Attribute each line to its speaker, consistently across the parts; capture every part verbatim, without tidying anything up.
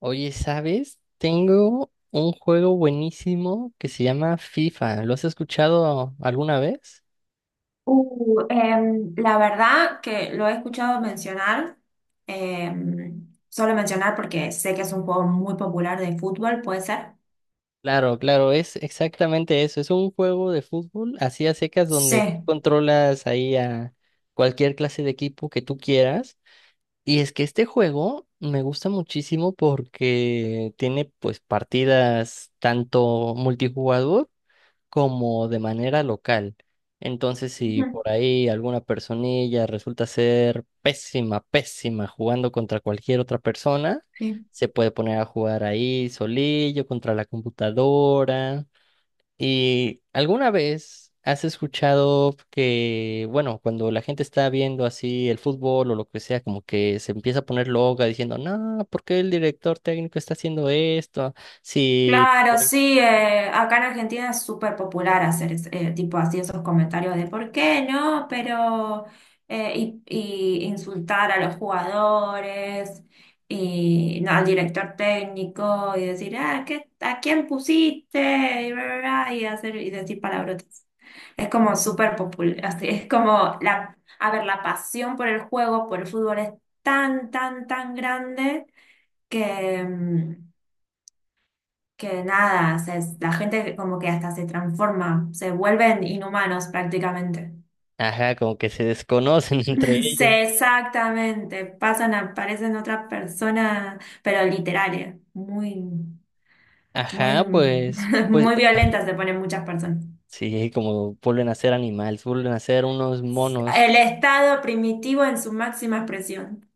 Speaker 1: Oye, ¿sabes? Tengo un juego buenísimo que se llama FIFA. ¿Lo has escuchado alguna vez?
Speaker 2: Uh, em, la verdad que lo he escuchado mencionar, em, solo mencionar porque sé que es un juego muy popular de fútbol, ¿puede ser?
Speaker 1: Claro, claro, es exactamente eso. Es un juego de fútbol así a secas donde tú
Speaker 2: Sí.
Speaker 1: controlas ahí a cualquier clase de equipo que tú quieras. Y es que este juego me gusta muchísimo porque tiene pues partidas tanto multijugador como de manera local. Entonces, si
Speaker 2: Ujú.
Speaker 1: por ahí alguna personilla resulta ser pésima, pésima jugando contra cualquier otra persona,
Speaker 2: Sí.
Speaker 1: se puede poner a jugar ahí solillo contra la computadora. ¿Y alguna vez has escuchado que, bueno, cuando la gente está viendo así el fútbol o lo que sea, como que se empieza a poner loca diciendo, no, por qué el director técnico está haciendo esto? Si.
Speaker 2: Claro, sí, eh, acá en Argentina es súper popular hacer es- eh, tipo así esos comentarios de ¿por qué no? Pero eh, y, y insultar a los jugadores y no, al director técnico y decir ah, ¿qué, a quién pusiste? Y bla, bla, bla, y hacer y decir palabrotas. Es como súper popular, así es como la, a ver, la pasión por el juego, por el fútbol es tan, tan, tan grande que mm, que nada, se- la gente como que hasta se transforma, se vuelven inhumanos prácticamente.
Speaker 1: Ajá, como que se desconocen entre
Speaker 2: Sí,
Speaker 1: ellos.
Speaker 2: exactamente, pasan, a- parecen otras personas, pero literales, muy, muy,
Speaker 1: Ajá, pues, pues
Speaker 2: muy violentas se ponen muchas personas.
Speaker 1: sí, como vuelven a ser animales, vuelven a ser unos monos.
Speaker 2: El estado primitivo en su máxima expresión.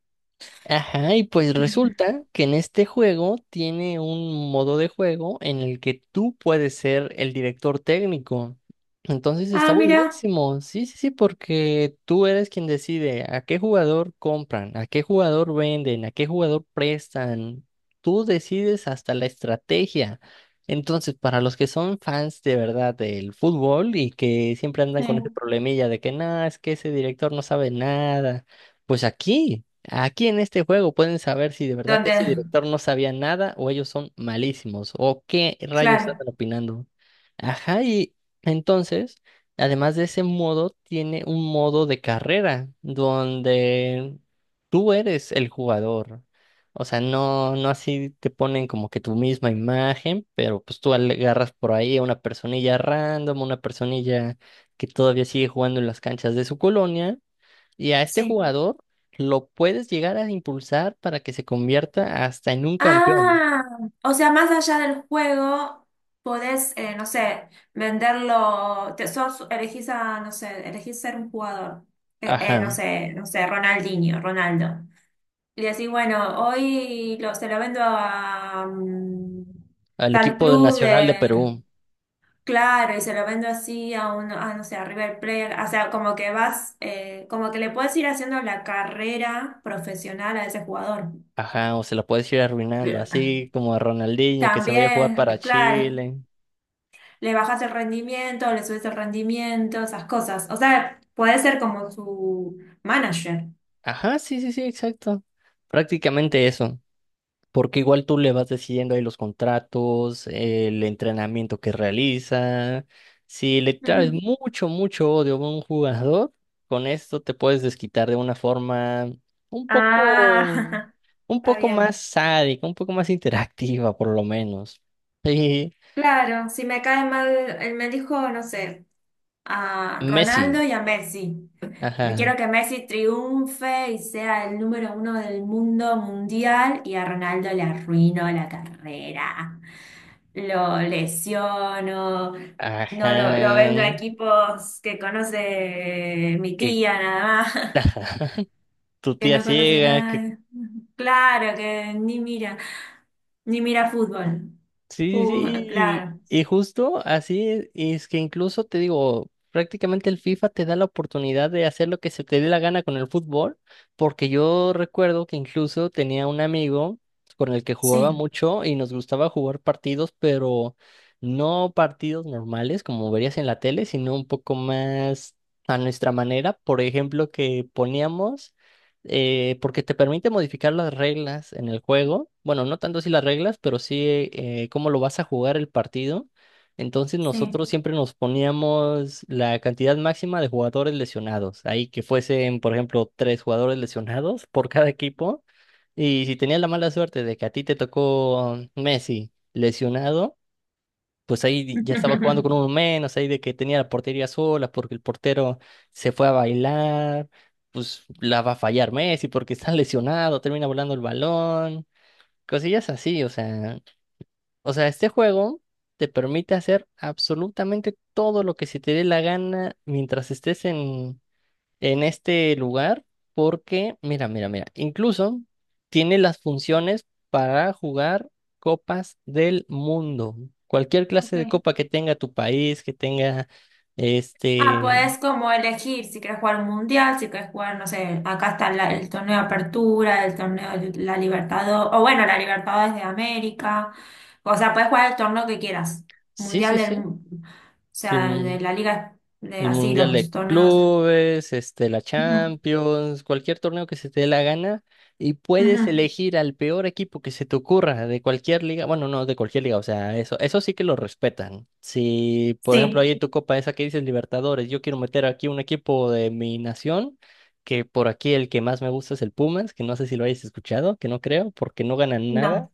Speaker 1: Ajá, y pues resulta que en este juego tiene un modo de juego en el que tú puedes ser el director técnico. Entonces está
Speaker 2: Ah, mira,
Speaker 1: buenísimo, sí, sí, sí, porque tú eres quien decide a qué jugador compran, a qué jugador venden, a qué jugador prestan. Tú decides hasta la estrategia. Entonces, para los que son fans de verdad del fútbol y que siempre andan con ese
Speaker 2: sí.
Speaker 1: problemilla de que nada, es que ese director no sabe nada, pues aquí. Aquí en este juego pueden saber si de verdad
Speaker 2: Donde,
Speaker 1: ese director no sabía nada o ellos son malísimos o qué rayos
Speaker 2: claro,
Speaker 1: están opinando. Ajá, y entonces, además de ese modo, tiene un modo de carrera donde tú eres el jugador. O sea, no, no así te ponen como que tu misma imagen, pero pues tú agarras por ahí a una personilla random, una personilla que todavía sigue jugando en las canchas de su colonia y a este
Speaker 2: sí.
Speaker 1: jugador lo puedes llegar a impulsar para que se convierta hasta en un campeón.
Speaker 2: Ah, o sea, más allá del juego, podés, eh, no sé, venderlo, te, sos, elegís a, no sé, elegís ser un jugador. Eh, eh, no
Speaker 1: Ajá.
Speaker 2: sé, no sé, Ronaldinho, Ronaldo. Y decís, bueno, hoy lo, se lo vendo a mm,
Speaker 1: Al
Speaker 2: tal
Speaker 1: equipo
Speaker 2: club
Speaker 1: nacional de
Speaker 2: de,
Speaker 1: Perú.
Speaker 2: claro, y se lo vendo así a un, a, no sé, a River Plate. O sea, como que vas, eh, como que le puedes ir haciendo la carrera profesional a ese jugador.
Speaker 1: Ajá. O se la puedes ir arruinando.
Speaker 2: Bien.
Speaker 1: Así como a Ronaldinho que se vaya a jugar para
Speaker 2: También, claro.
Speaker 1: Chile.
Speaker 2: Le bajas el rendimiento, le subes el rendimiento, esas cosas. O sea, puede ser como su manager.
Speaker 1: Ajá, sí, sí, sí, exacto. Prácticamente eso. Porque igual tú le vas decidiendo ahí los contratos, el entrenamiento que realiza. Si le traes
Speaker 2: Ujú.
Speaker 1: Ujú. Mucho, mucho odio a un jugador, con esto te puedes desquitar de una forma un poco,
Speaker 2: Ah,
Speaker 1: un
Speaker 2: está
Speaker 1: poco más
Speaker 2: bien.
Speaker 1: sádica, un poco más interactiva, por lo menos. Sí.
Speaker 2: Claro, si me cae mal, él me dijo, no sé, a
Speaker 1: Messi,
Speaker 2: Ronaldo y a Messi. Me
Speaker 1: ajá,
Speaker 2: quiero que Messi triunfe y sea el número uno del mundo mundial y a Ronaldo le arruino la carrera. Lo lesiono, no lo, lo
Speaker 1: ajá,
Speaker 2: vendo a equipos que conoce mi
Speaker 1: que
Speaker 2: tía nada más,
Speaker 1: tu
Speaker 2: que
Speaker 1: tía
Speaker 2: no conoce
Speaker 1: ciega, que
Speaker 2: nada. Claro, que ni mira, ni mira fútbol.
Speaker 1: sí, sí,
Speaker 2: Fu-
Speaker 1: sí,
Speaker 2: claro,
Speaker 1: y y justo así es, y es que incluso te digo, prácticamente el FIFA te da la oportunidad de hacer lo que se te dé la gana con el fútbol, porque yo recuerdo que incluso tenía un amigo con el que jugaba
Speaker 2: sí.
Speaker 1: mucho y nos gustaba jugar partidos, pero no partidos normales como verías en la tele, sino un poco más a nuestra manera, por ejemplo, que poníamos eh, porque te permite modificar las reglas en el juego. Bueno, no tanto si las reglas, pero sí eh, cómo lo vas a jugar el partido. Entonces
Speaker 2: Sí.
Speaker 1: nosotros siempre nos poníamos la cantidad máxima de jugadores lesionados. Ahí que fuesen, por ejemplo, tres jugadores lesionados por cada equipo. Y si tenías la mala suerte de que a ti te tocó Messi lesionado pues ahí ya estaba jugando con uno menos, ahí de que tenía la portería sola porque el portero se fue a bailar, pues la va a fallar Messi porque está lesionado, termina volando el balón, cosillas así, o sea, o sea, este juego te permite hacer absolutamente todo lo que se te dé la gana mientras estés en en este lugar porque, mira, mira, mira, incluso tiene las funciones para jugar copas del mundo. Cualquier clase de
Speaker 2: Ok.
Speaker 1: copa que tenga tu país, que tenga
Speaker 2: Ah,
Speaker 1: este,
Speaker 2: puedes como elegir si quieres jugar un mundial, si quieres jugar, no sé, acá está la- el torneo de Apertura, el torneo de la Libertadores, o bueno, la Libertadores de América. O sea, puedes jugar el torneo que quieras.
Speaker 1: sí,
Speaker 2: Mundial
Speaker 1: sí,
Speaker 2: del,
Speaker 1: sí.
Speaker 2: o sea,
Speaker 1: mm,
Speaker 2: de la liga, de
Speaker 1: El
Speaker 2: así,
Speaker 1: Mundial
Speaker 2: los
Speaker 1: de
Speaker 2: torneos.
Speaker 1: Clubes, este, la
Speaker 2: Ujú,
Speaker 1: Champions, cualquier torneo que se te dé la gana y puedes
Speaker 2: ujú.
Speaker 1: elegir al peor equipo que se te ocurra de cualquier liga. Bueno, no de cualquier liga, o sea, eso, eso sí que lo respetan. Si, por ejemplo,
Speaker 2: Sí,
Speaker 1: ahí en tu copa esa que dices Libertadores, yo quiero meter aquí un equipo de mi nación, que por aquí el que más me gusta es el Pumas, que no sé si lo hayas escuchado, que no creo, porque no ganan nada.
Speaker 2: no,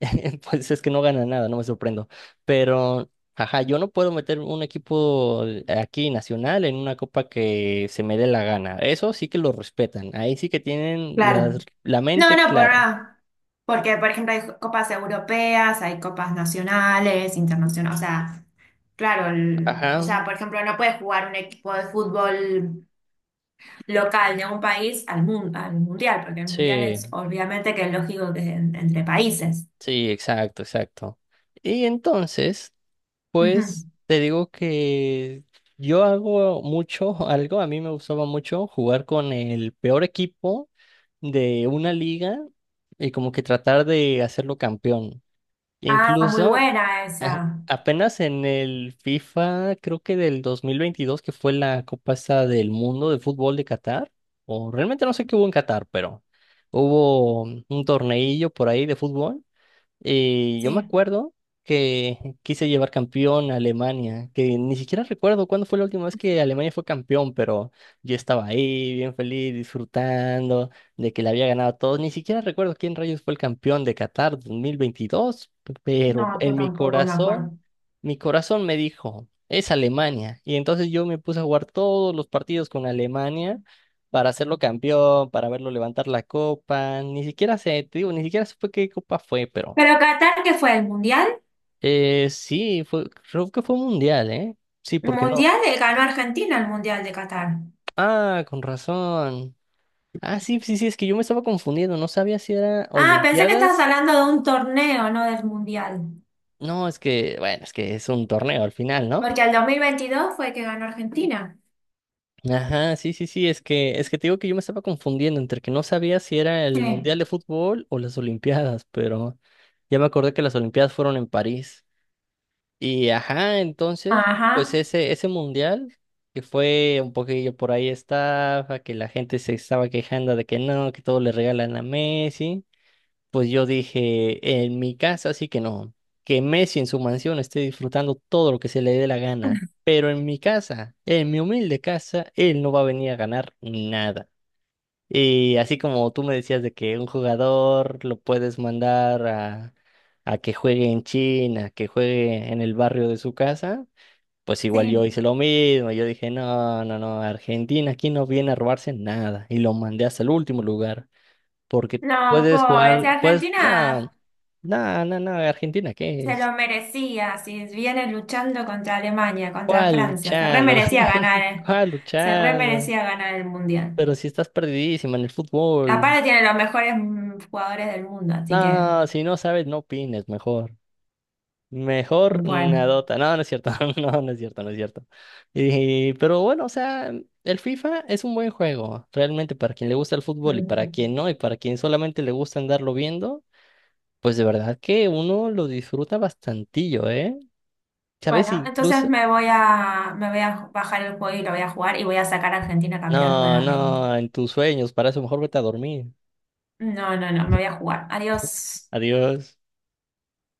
Speaker 1: Pues es que no gana nada, no me sorprendo. Pero, ajá, yo no puedo meter un equipo aquí nacional en una copa que se me dé la gana. Eso sí que lo respetan. Ahí sí que tienen la,
Speaker 2: claro.
Speaker 1: la
Speaker 2: No,
Speaker 1: mente
Speaker 2: no, por
Speaker 1: clara.
Speaker 2: nada. Porque, por ejemplo, hay copas europeas, hay copas nacionales, internacionales, o sea. Claro, el- o
Speaker 1: Ajá,
Speaker 2: sea, por ejemplo, no puede jugar un equipo de fútbol local de un país al mun- al mundial, porque el mundial es
Speaker 1: sí,
Speaker 2: obviamente que es lógico que es en- entre países.
Speaker 1: sí, exacto, exacto. Y entonces, pues
Speaker 2: Ujú.
Speaker 1: te digo que yo hago mucho, algo, a mí me gustaba mucho jugar con el peor equipo de una liga y como que tratar de hacerlo campeón.
Speaker 2: Ah, muy
Speaker 1: Incluso
Speaker 2: buena
Speaker 1: a-
Speaker 2: esa.
Speaker 1: apenas en el FIFA, creo que del dos mil veintidós que fue la Copa esta del Mundo de Fútbol de Qatar, o realmente no sé qué hubo en Qatar, pero hubo un torneillo por ahí de fútbol y yo me
Speaker 2: Sí,
Speaker 1: acuerdo que quise llevar campeón a Alemania, que ni siquiera recuerdo cuándo fue la última vez que Alemania fue campeón, pero yo estaba ahí bien feliz, disfrutando de que le había ganado a todos. Ni siquiera recuerdo quién rayos fue el campeón de Qatar dos mil veintidós, pero
Speaker 2: no, yo
Speaker 1: en mi
Speaker 2: tampoco me
Speaker 1: corazón,
Speaker 2: acuerdo.
Speaker 1: mi corazón me dijo, es Alemania. Y entonces yo me puse a jugar todos los partidos con Alemania para hacerlo campeón, para verlo levantar la copa. Ni siquiera sé, te digo, ni siquiera supe qué copa fue, pero...
Speaker 2: Pero Qatar, ¿qué fue? ¿El mundial?
Speaker 1: Eh, sí, fue, creo que fue mundial, ¿eh? Sí,
Speaker 2: El
Speaker 1: porque no.
Speaker 2: mundial eh, ganó Argentina el mundial de Qatar.
Speaker 1: Ah, con razón. Ah, sí, sí, sí, es que yo me estaba confundiendo, no sabía si era
Speaker 2: Ah, pensé que estabas
Speaker 1: Olimpiadas.
Speaker 2: hablando de un torneo, no del mundial.
Speaker 1: No, es que, bueno, es que es un torneo al final, ¿no?
Speaker 2: Porque el dos mil veintidós fue que ganó Argentina.
Speaker 1: Ajá, sí, sí, sí, es que, es que te digo que yo me estaba confundiendo entre que no sabía si era el
Speaker 2: Sí.
Speaker 1: Mundial de Fútbol o las Olimpiadas, pero ya me acordé que las Olimpiadas fueron en París. Y ajá, entonces, pues
Speaker 2: Ajá,
Speaker 1: ese, ese mundial, que fue un poquillo por ahí estaba, que la gente se estaba quejando de que no, que todo le regalan a Messi, pues yo dije, en mi casa sí que no, que Messi en su mansión esté disfrutando todo lo que se le dé la gana, pero en mi casa, en mi humilde casa, él no va a venir a ganar nada. Y así como tú me decías de que un jugador lo puedes mandar a, a que juegue en China, que juegue en el barrio de su casa, pues igual yo
Speaker 2: sí.
Speaker 1: hice lo mismo. Yo dije, no, no, no, Argentina aquí no viene a robarse nada. Y lo mandé hasta el último lugar, porque
Speaker 2: No,
Speaker 1: puedes
Speaker 2: pobre, si
Speaker 1: jugar, puedes no,
Speaker 2: Argentina
Speaker 1: no, no, no, Argentina, ¿qué
Speaker 2: se
Speaker 1: es?
Speaker 2: lo merecía, si viene luchando contra Alemania, contra
Speaker 1: ¿Cuál
Speaker 2: Francia, se re
Speaker 1: luchando?
Speaker 2: merecía ganar, eh.
Speaker 1: ¿Cuál
Speaker 2: Se re
Speaker 1: luchando?
Speaker 2: merecía ganar el Mundial.
Speaker 1: Pero si estás perdidísima en el fútbol.
Speaker 2: Aparte tiene los mejores mm, jugadores del mundo, así que,
Speaker 1: No, si no sabes, no opines, mejor. Mejor
Speaker 2: bueno.
Speaker 1: nadota. No, no es cierto. No, no es cierto, no es cierto. Y, pero bueno, o sea, el FIFA es un buen juego. Realmente para quien le gusta el fútbol y para
Speaker 2: Ujú.
Speaker 1: quien no, y para quien solamente le gusta andarlo viendo, pues de verdad que uno lo disfruta bastantillo, ¿eh? ¿Sabes?
Speaker 2: Bueno, entonces
Speaker 1: Incluso.
Speaker 2: me voy a, me voy a bajar el juego y lo voy a jugar y voy a sacar a Argentina campeón
Speaker 1: No,
Speaker 2: nuevamente.
Speaker 1: no, en tus sueños. Para eso mejor vete a dormir.
Speaker 2: No, no, no, me voy a jugar. Adiós.
Speaker 1: Adiós.